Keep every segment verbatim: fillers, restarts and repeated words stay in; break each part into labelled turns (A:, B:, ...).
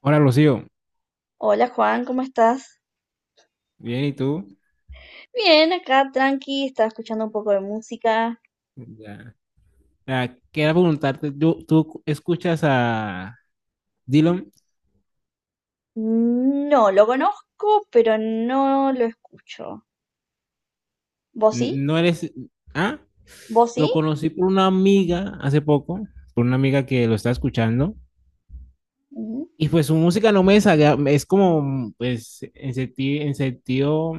A: Hola, Rocío.
B: Hola Juan, ¿cómo estás?
A: Bien, ¿y tú?
B: Bien, acá tranqui, estaba escuchando un poco de música.
A: Ya. Ah, quería preguntarte, ¿tú, tú escuchas a Dylan?
B: No, lo conozco, pero no lo escucho. ¿Vos sí?
A: ¿No eres... Ah,
B: ¿Vos sí?
A: lo conocí por una amiga hace poco, por una amiga que lo está escuchando,
B: Mm.
A: y pues su música no me desagrada, es como, pues, en sentido, en sentido,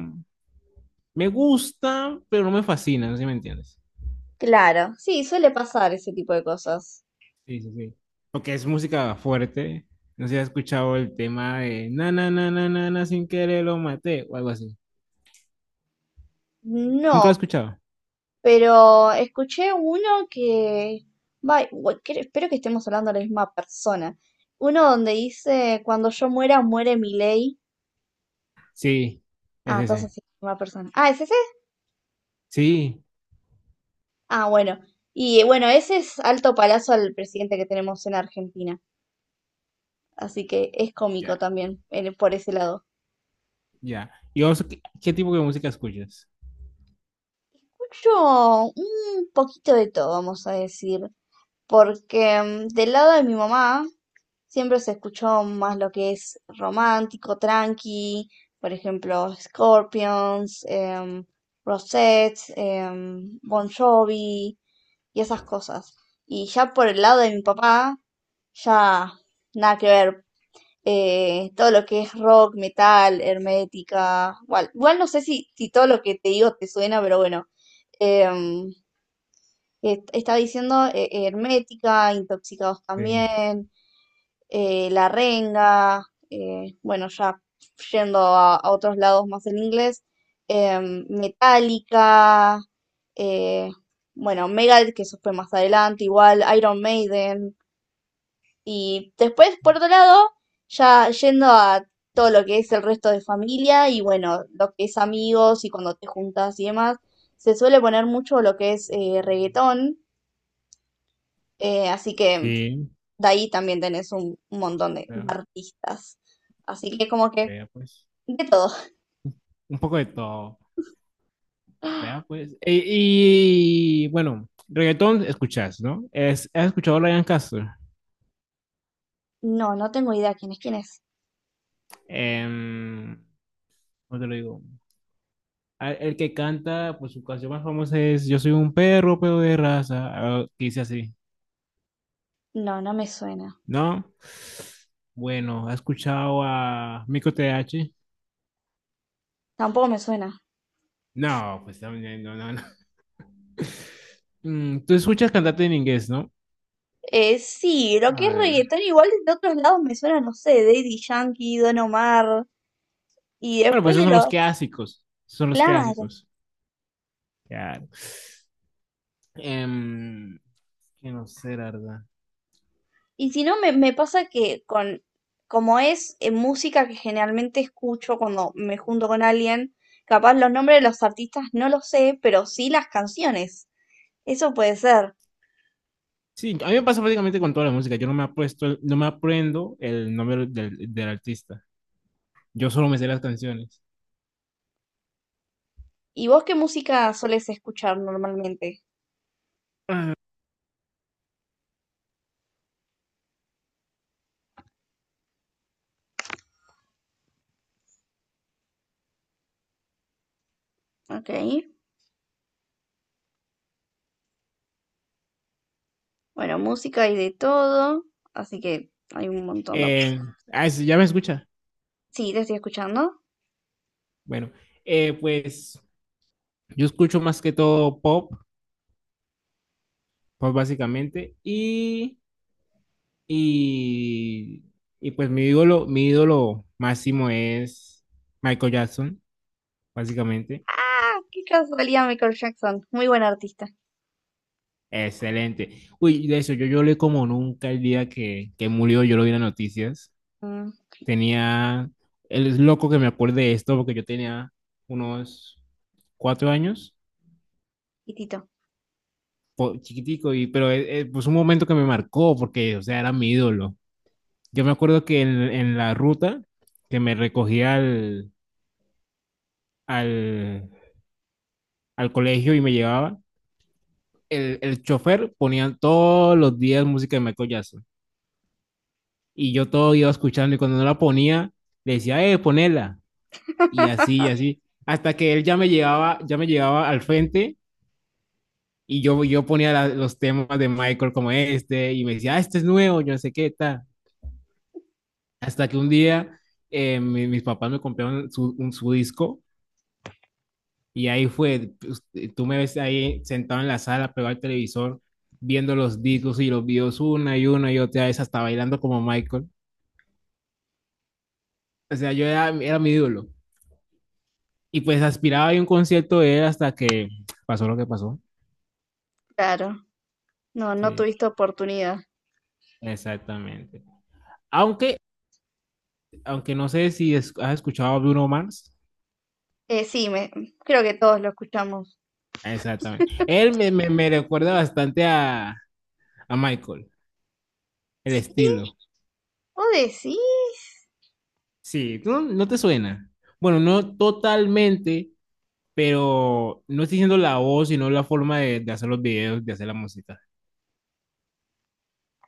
A: me gusta, pero no me fascina, no sé si me entiendes.
B: Claro, sí, suele pasar ese tipo de cosas.
A: Sí, sí, sí. Porque es música fuerte, no sé si has escuchado el tema de na, na, na, na, na, na, sin querer lo maté, o algo así. ¿Nunca lo he
B: No,
A: escuchado?
B: pero escuché uno que... Vai, bu- cre- espero que estemos hablando de la misma persona. Uno donde dice, cuando yo muera, muere mi ley.
A: Sí, es
B: Ah, entonces
A: ese.
B: sí, la misma persona. Ah, ¿es ese?
A: Sí,
B: Ah, bueno. Y eh, bueno, ese es alto palazo al presidente que tenemos en Argentina. Así que es
A: ya,
B: cómico también en- por ese lado.
A: ya. ¿Y vos qué, qué tipo de música escuchas?
B: Yo, un poquito de todo, vamos a decir. Porque mm, del lado de mi mamá siempre se escuchó más lo que es romántico, tranqui. Por ejemplo, Scorpions, em, Rosette, em, Bon Jovi y esas cosas. Y ya por el lado de mi papá, ya nada que ver, eh, todo lo que es rock, metal, hermética, igual, igual no sé si, si todo lo que te digo te suena, pero bueno, em, est- está diciendo eh, eh, hermética, intoxicados
A: Sí,
B: también, eh, la renga, eh, bueno, ya yendo a, a otros lados más en inglés, em, metálica, eh, bueno, Megadeth, que eso fue más adelante, igual Iron Maiden, y después, por otro lado, ya yendo a todo lo que es el resto de familia y bueno, lo que es amigos y cuando te juntas y demás, se suele poner mucho lo que es eh, reggaetón, eh, así que
A: sí,
B: de ahí también tenés un, un montón de
A: vea,
B: artistas. Así que como que
A: vea, pues.
B: de todo.
A: Un poco de todo, vea pues. E- Y, bueno, reggaetón escuchas, ¿no? Es, ¿has escuchado a Ryan Castro?
B: No, no tengo idea quién es quién es.
A: Em, ¿cómo te lo digo? A- El que canta, pues su canción más famosa es Yo soy un perro, pero de raza, ah, que dice así,
B: No, no me suena.
A: ¿no? Bueno, ¿has escuchado a Mico T H?
B: Tampoco me suena.
A: No, pues también, no, no, no. Mm, tú escuchas cantante en inglés, ¿no?
B: Eh, sí, lo
A: A
B: que es
A: ver.
B: reggaetón igual de otros lados me suena, no sé, Daddy Yankee, Don Omar y
A: Bueno, pues
B: después
A: esos
B: de
A: son los
B: los...
A: clásicos. Esos son los
B: Claro.
A: clásicos. Claro. Em, que no sé, la verdad.
B: Y si no, me, me pasa que con, como es eh, música que generalmente escucho cuando me junto con alguien, capaz los nombres de los artistas no los sé, pero sí las canciones. Eso puede ser.
A: Sí, a mí me pasa prácticamente con toda la música. Yo no me apuesto, no me aprendo el nombre del, del artista. Yo solo me sé las canciones.
B: ¿Y vos qué música solés escuchar normalmente?
A: Ah,
B: Ok, bueno, música hay de todo, así que hay un montón de
A: eh,
B: opciones.
A: ah, sí, ya me escucha.
B: Sí, te estoy escuchando.
A: Bueno, eh, pues yo escucho más que todo pop, pop básicamente, y Y, y pues mi ídolo, mi ídolo máximo es Michael Jackson, básicamente.
B: Ah, qué casualidad, Michael Jackson, muy buen artista.
A: Excelente. Uy, de eso, yo lloré como nunca el día que, que murió, yo lo vi en las noticias.
B: Mm.
A: Tenía, él es loco que me acuerde de esto porque yo tenía unos cuatro años,
B: Tito.
A: po- chiquitico, y, pero eh, eh, pues un momento que me marcó porque, o sea, era mi ídolo. Yo me acuerdo que en, en la ruta que me recogía al, al, al colegio y me llevaba, el, el chofer ponía todos los días música de Michael Jackson. Y yo todo iba escuchando y cuando no la ponía, le decía, eh, ponela. Y así, y así. Hasta que él ya me llevaba, ya me llevaba al frente y yo, yo ponía la- los temas de Michael como este y me decía, ah, este es nuevo, yo no sé qué tal. Hasta que un día eh, mi- mis papás me compraron su, un- su disco y ahí fue, pues, tú me ves ahí sentado en la sala, pegado al televisor, viendo los discos y los videos una y una y otra vez, hasta bailando como Michael. O sea, yo era, era mi ídolo. Y pues aspiraba a ir a un concierto de él hasta que pasó lo que pasó.
B: Claro, no, no
A: Sí,
B: tuviste oportunidad.
A: exactamente. Aunque, aunque no sé si es- has escuchado a Bruno Mars.
B: Eh, sí, me, creo que todos lo escuchamos.
A: Exactamente. Él me, me, me recuerda bastante a, a Michael, el
B: ¿Y
A: estilo.
B: vos decís?
A: Sí, ¿tú no, no te suena? Bueno, no totalmente, pero no estoy diciendo la voz, sino la forma de, de hacer los videos, de hacer la música.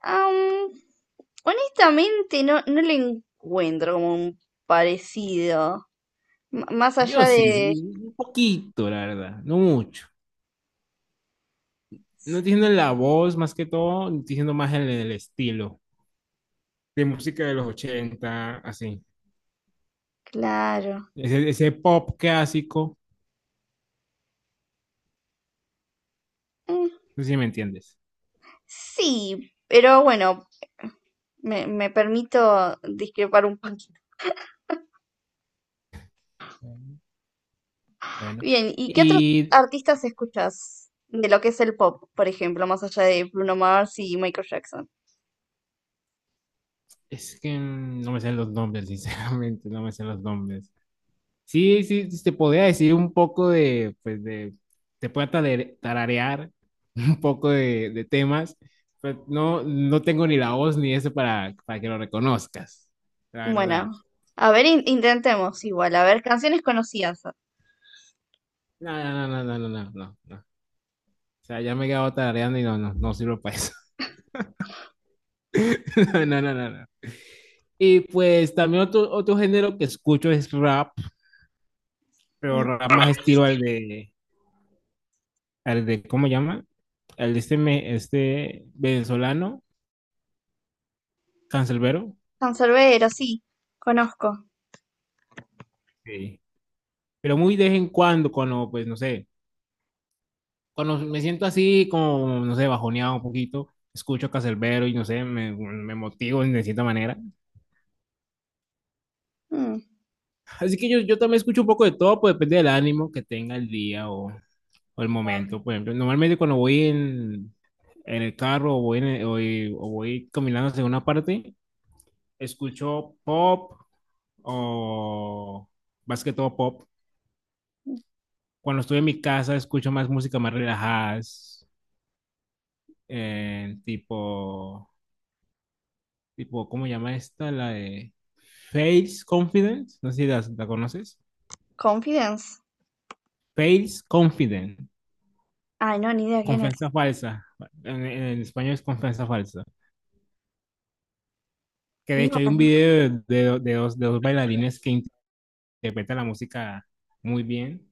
B: Am, honestamente, no, no le encuentro como un parecido. M- más allá
A: Yo sí,
B: de...
A: sí, un poquito, la verdad, no mucho. No estoy
B: Sí,
A: diciendo la voz más que todo, estoy diciendo más en el estilo de música de los ochenta así.
B: claro.
A: Ese, ese pop clásico,
B: Mm,
A: no sé si me entiendes.
B: sí, pero bueno, me, me permito discrepar un poquito.
A: Mm, bueno,
B: Bien, ¿y qué otros
A: Y
B: artistas escuchas de lo que es el pop, por ejemplo, más allá de Bruno Mars y Michael Jackson?
A: es que mm, no me sé los nombres, sinceramente, no me sé los nombres. Sí, sí, sí, te podría decir un poco de, pues de, te puedo tare- tararear un poco de, de temas, pero no, no tengo ni la voz ni eso para, para que lo reconozcas, la
B: Bueno,
A: verdad.
B: a ver, in- intentemos igual, a ver, canciones conocidas.
A: No, no, no, no, no, no, no, no, no. O sea, ya me he quedado tarareando y no, no, no sirvo para eso. No, no, no, no. Y pues también otro, otro género que escucho es rap, pero rap más estilo al de, al de, ¿cómo llama? Al de este, me- este venezolano, Canserbero.
B: Canserbero, sí, conozco.
A: Sí. Pero muy de vez en cuando, cuando, pues, no sé, cuando me siento así como, no sé, bajoneado un poquito, escucho Canserbero y no sé, me, me motivo de cierta manera.
B: Mm.
A: Así que yo, yo también escucho un poco de todo, pues depende del ánimo que tenga el día o, o el momento. Por ejemplo, normalmente cuando voy en, en el carro o voy, en el- o voy- o voy caminando hacia una parte, escucho pop o más que todo pop. Cuando estoy en mi casa, escucho más música más relajadas, eh, tipo, tipo, ¿cómo llama esta? La de Face Confidence, no sé si la, la conoces.
B: Confidence.
A: Face Confidence,
B: Ay, no, ni idea quién es.
A: confianza falsa. En, en español es confianza falsa. Que de
B: No,
A: hecho hay un
B: no.
A: video de, de dos, de dos bailarines que interpreta la música muy bien.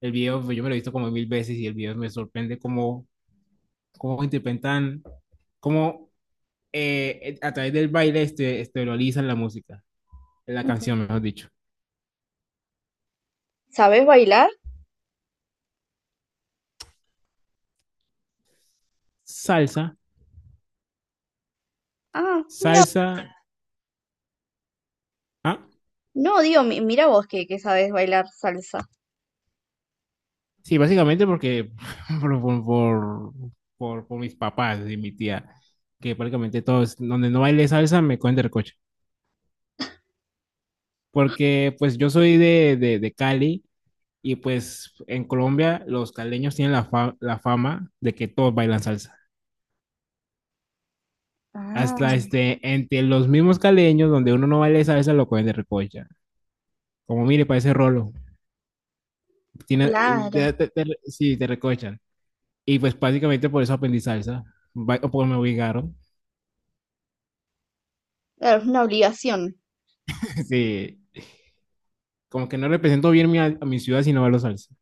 A: El video, pues, yo me lo he visto como mil veces y el video me sorprende cómo, cómo interpretan, cómo eh, a través del baile este, esterilizan la música, la
B: Mm.
A: canción, mejor dicho.
B: ¿Sabés bailar?
A: Salsa,
B: Ah, mira.
A: salsa. Ah,
B: No, digo, mi- mira vos que, que sabés bailar salsa.
A: sí, básicamente porque por, por, por, por- por mis papás y mi tía, que prácticamente todos, donde no baile salsa, me cogen del coche. Porque pues yo soy de, de, de Cali. Y pues en Colombia los caleños tienen la, fa la fama de que todos bailan salsa.
B: Ah,
A: Hasta este, entre los mismos caleños, donde uno no baila salsa, lo cogen de recocha. Como mire, parece rolo. Tiene,
B: claro.
A: te, te, te, sí, te recochan. Y pues básicamente por eso aprendí salsa. Ba o por me obligaron.
B: Claro, es una obligación.
A: Sí. Como que no represento bien mi, a mi ciudad si no bailo salsa.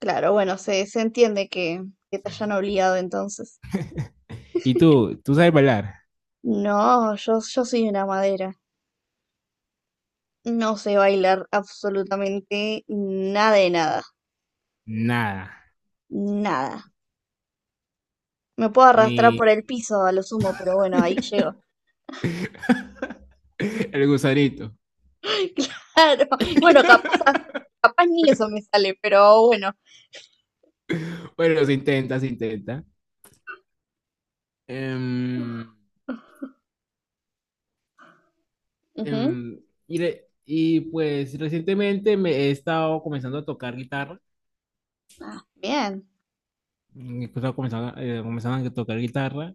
B: Claro, bueno, se, se entiende que, que te hayan
A: Sí.
B: obligado entonces.
A: ¿Y tú? ¿Tú sabes bailar?
B: No, yo, yo soy una madera. No sé bailar absolutamente nada de nada.
A: Nada.
B: Nada. Me puedo arrastrar
A: Ni...
B: por el piso a lo sumo, pero bueno, ahí llego.
A: El gusanito.
B: Claro. Bueno, capaz, capaz ni eso me sale, pero bueno.
A: Bueno, se intenta, se intenta. Em,
B: Ujú.
A: em, y, re- y pues recientemente me he estado comenzando a tocar guitarra.
B: Ah, bien.
A: mm, He estado comenzando, eh, comenzando a tocar guitarra.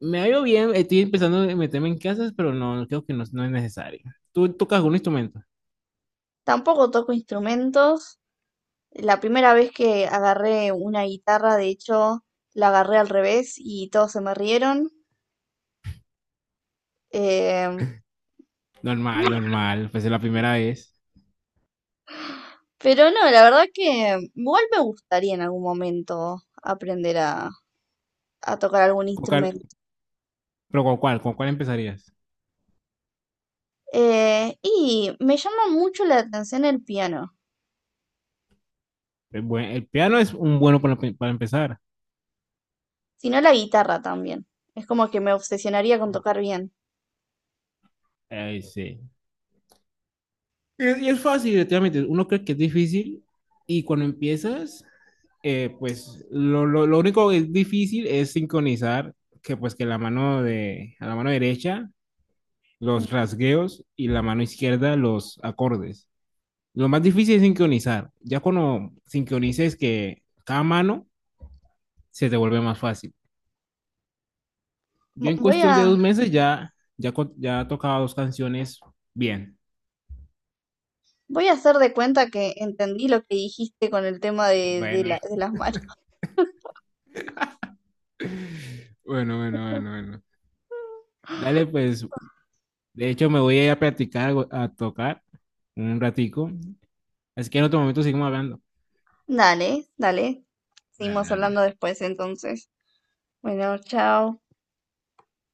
A: Me ha ido bien, estoy empezando a meterme en clases, pero no, creo que no, no es necesario. ¿Tú tocas algún instrumento?
B: Tampoco toco instrumentos. La primera vez que agarré una guitarra, de hecho, la agarré al revés y todos se me rieron. Em,
A: Normal, normal, pues es la primera vez.
B: pero no, la verdad que igual me gustaría en algún momento aprender a, a tocar algún
A: ¿Con cuál-
B: instrumento.
A: pero con cuál, con cuál empezarías?
B: Eh, y me llama mucho la atención el piano,
A: El, buen- el piano es un bueno para, para empezar.
B: si no la guitarra también. Es como que me obsesionaría con tocar bien.
A: Ay, sí. Es- Y es fácil, definitivamente. Uno cree que es difícil y cuando empiezas, eh, pues lo, lo- lo único que es difícil es sincronizar que pues que la mano de, a la mano derecha los rasgueos y la mano izquierda los acordes. Lo más difícil es sincronizar. Ya cuando sincronices que cada mano se te vuelve más fácil. Yo
B: Vo-
A: en
B: Voy
A: cuestión de
B: a,
A: dos meses ya, ya, co- ya tocaba dos canciones bien.
B: voy a hacer de cuenta que entendí lo que dijiste con el tema de, de
A: Bueno,
B: la- de las manos.
A: bueno, bueno, bueno, bueno. Dale, pues, de hecho, me voy a ir a practicar, a tocar en un ratico. Así que en otro momento seguimos hablando.
B: Dale, dale.
A: Dale,
B: Seguimos
A: dale.
B: hablando después entonces. Bueno, chao.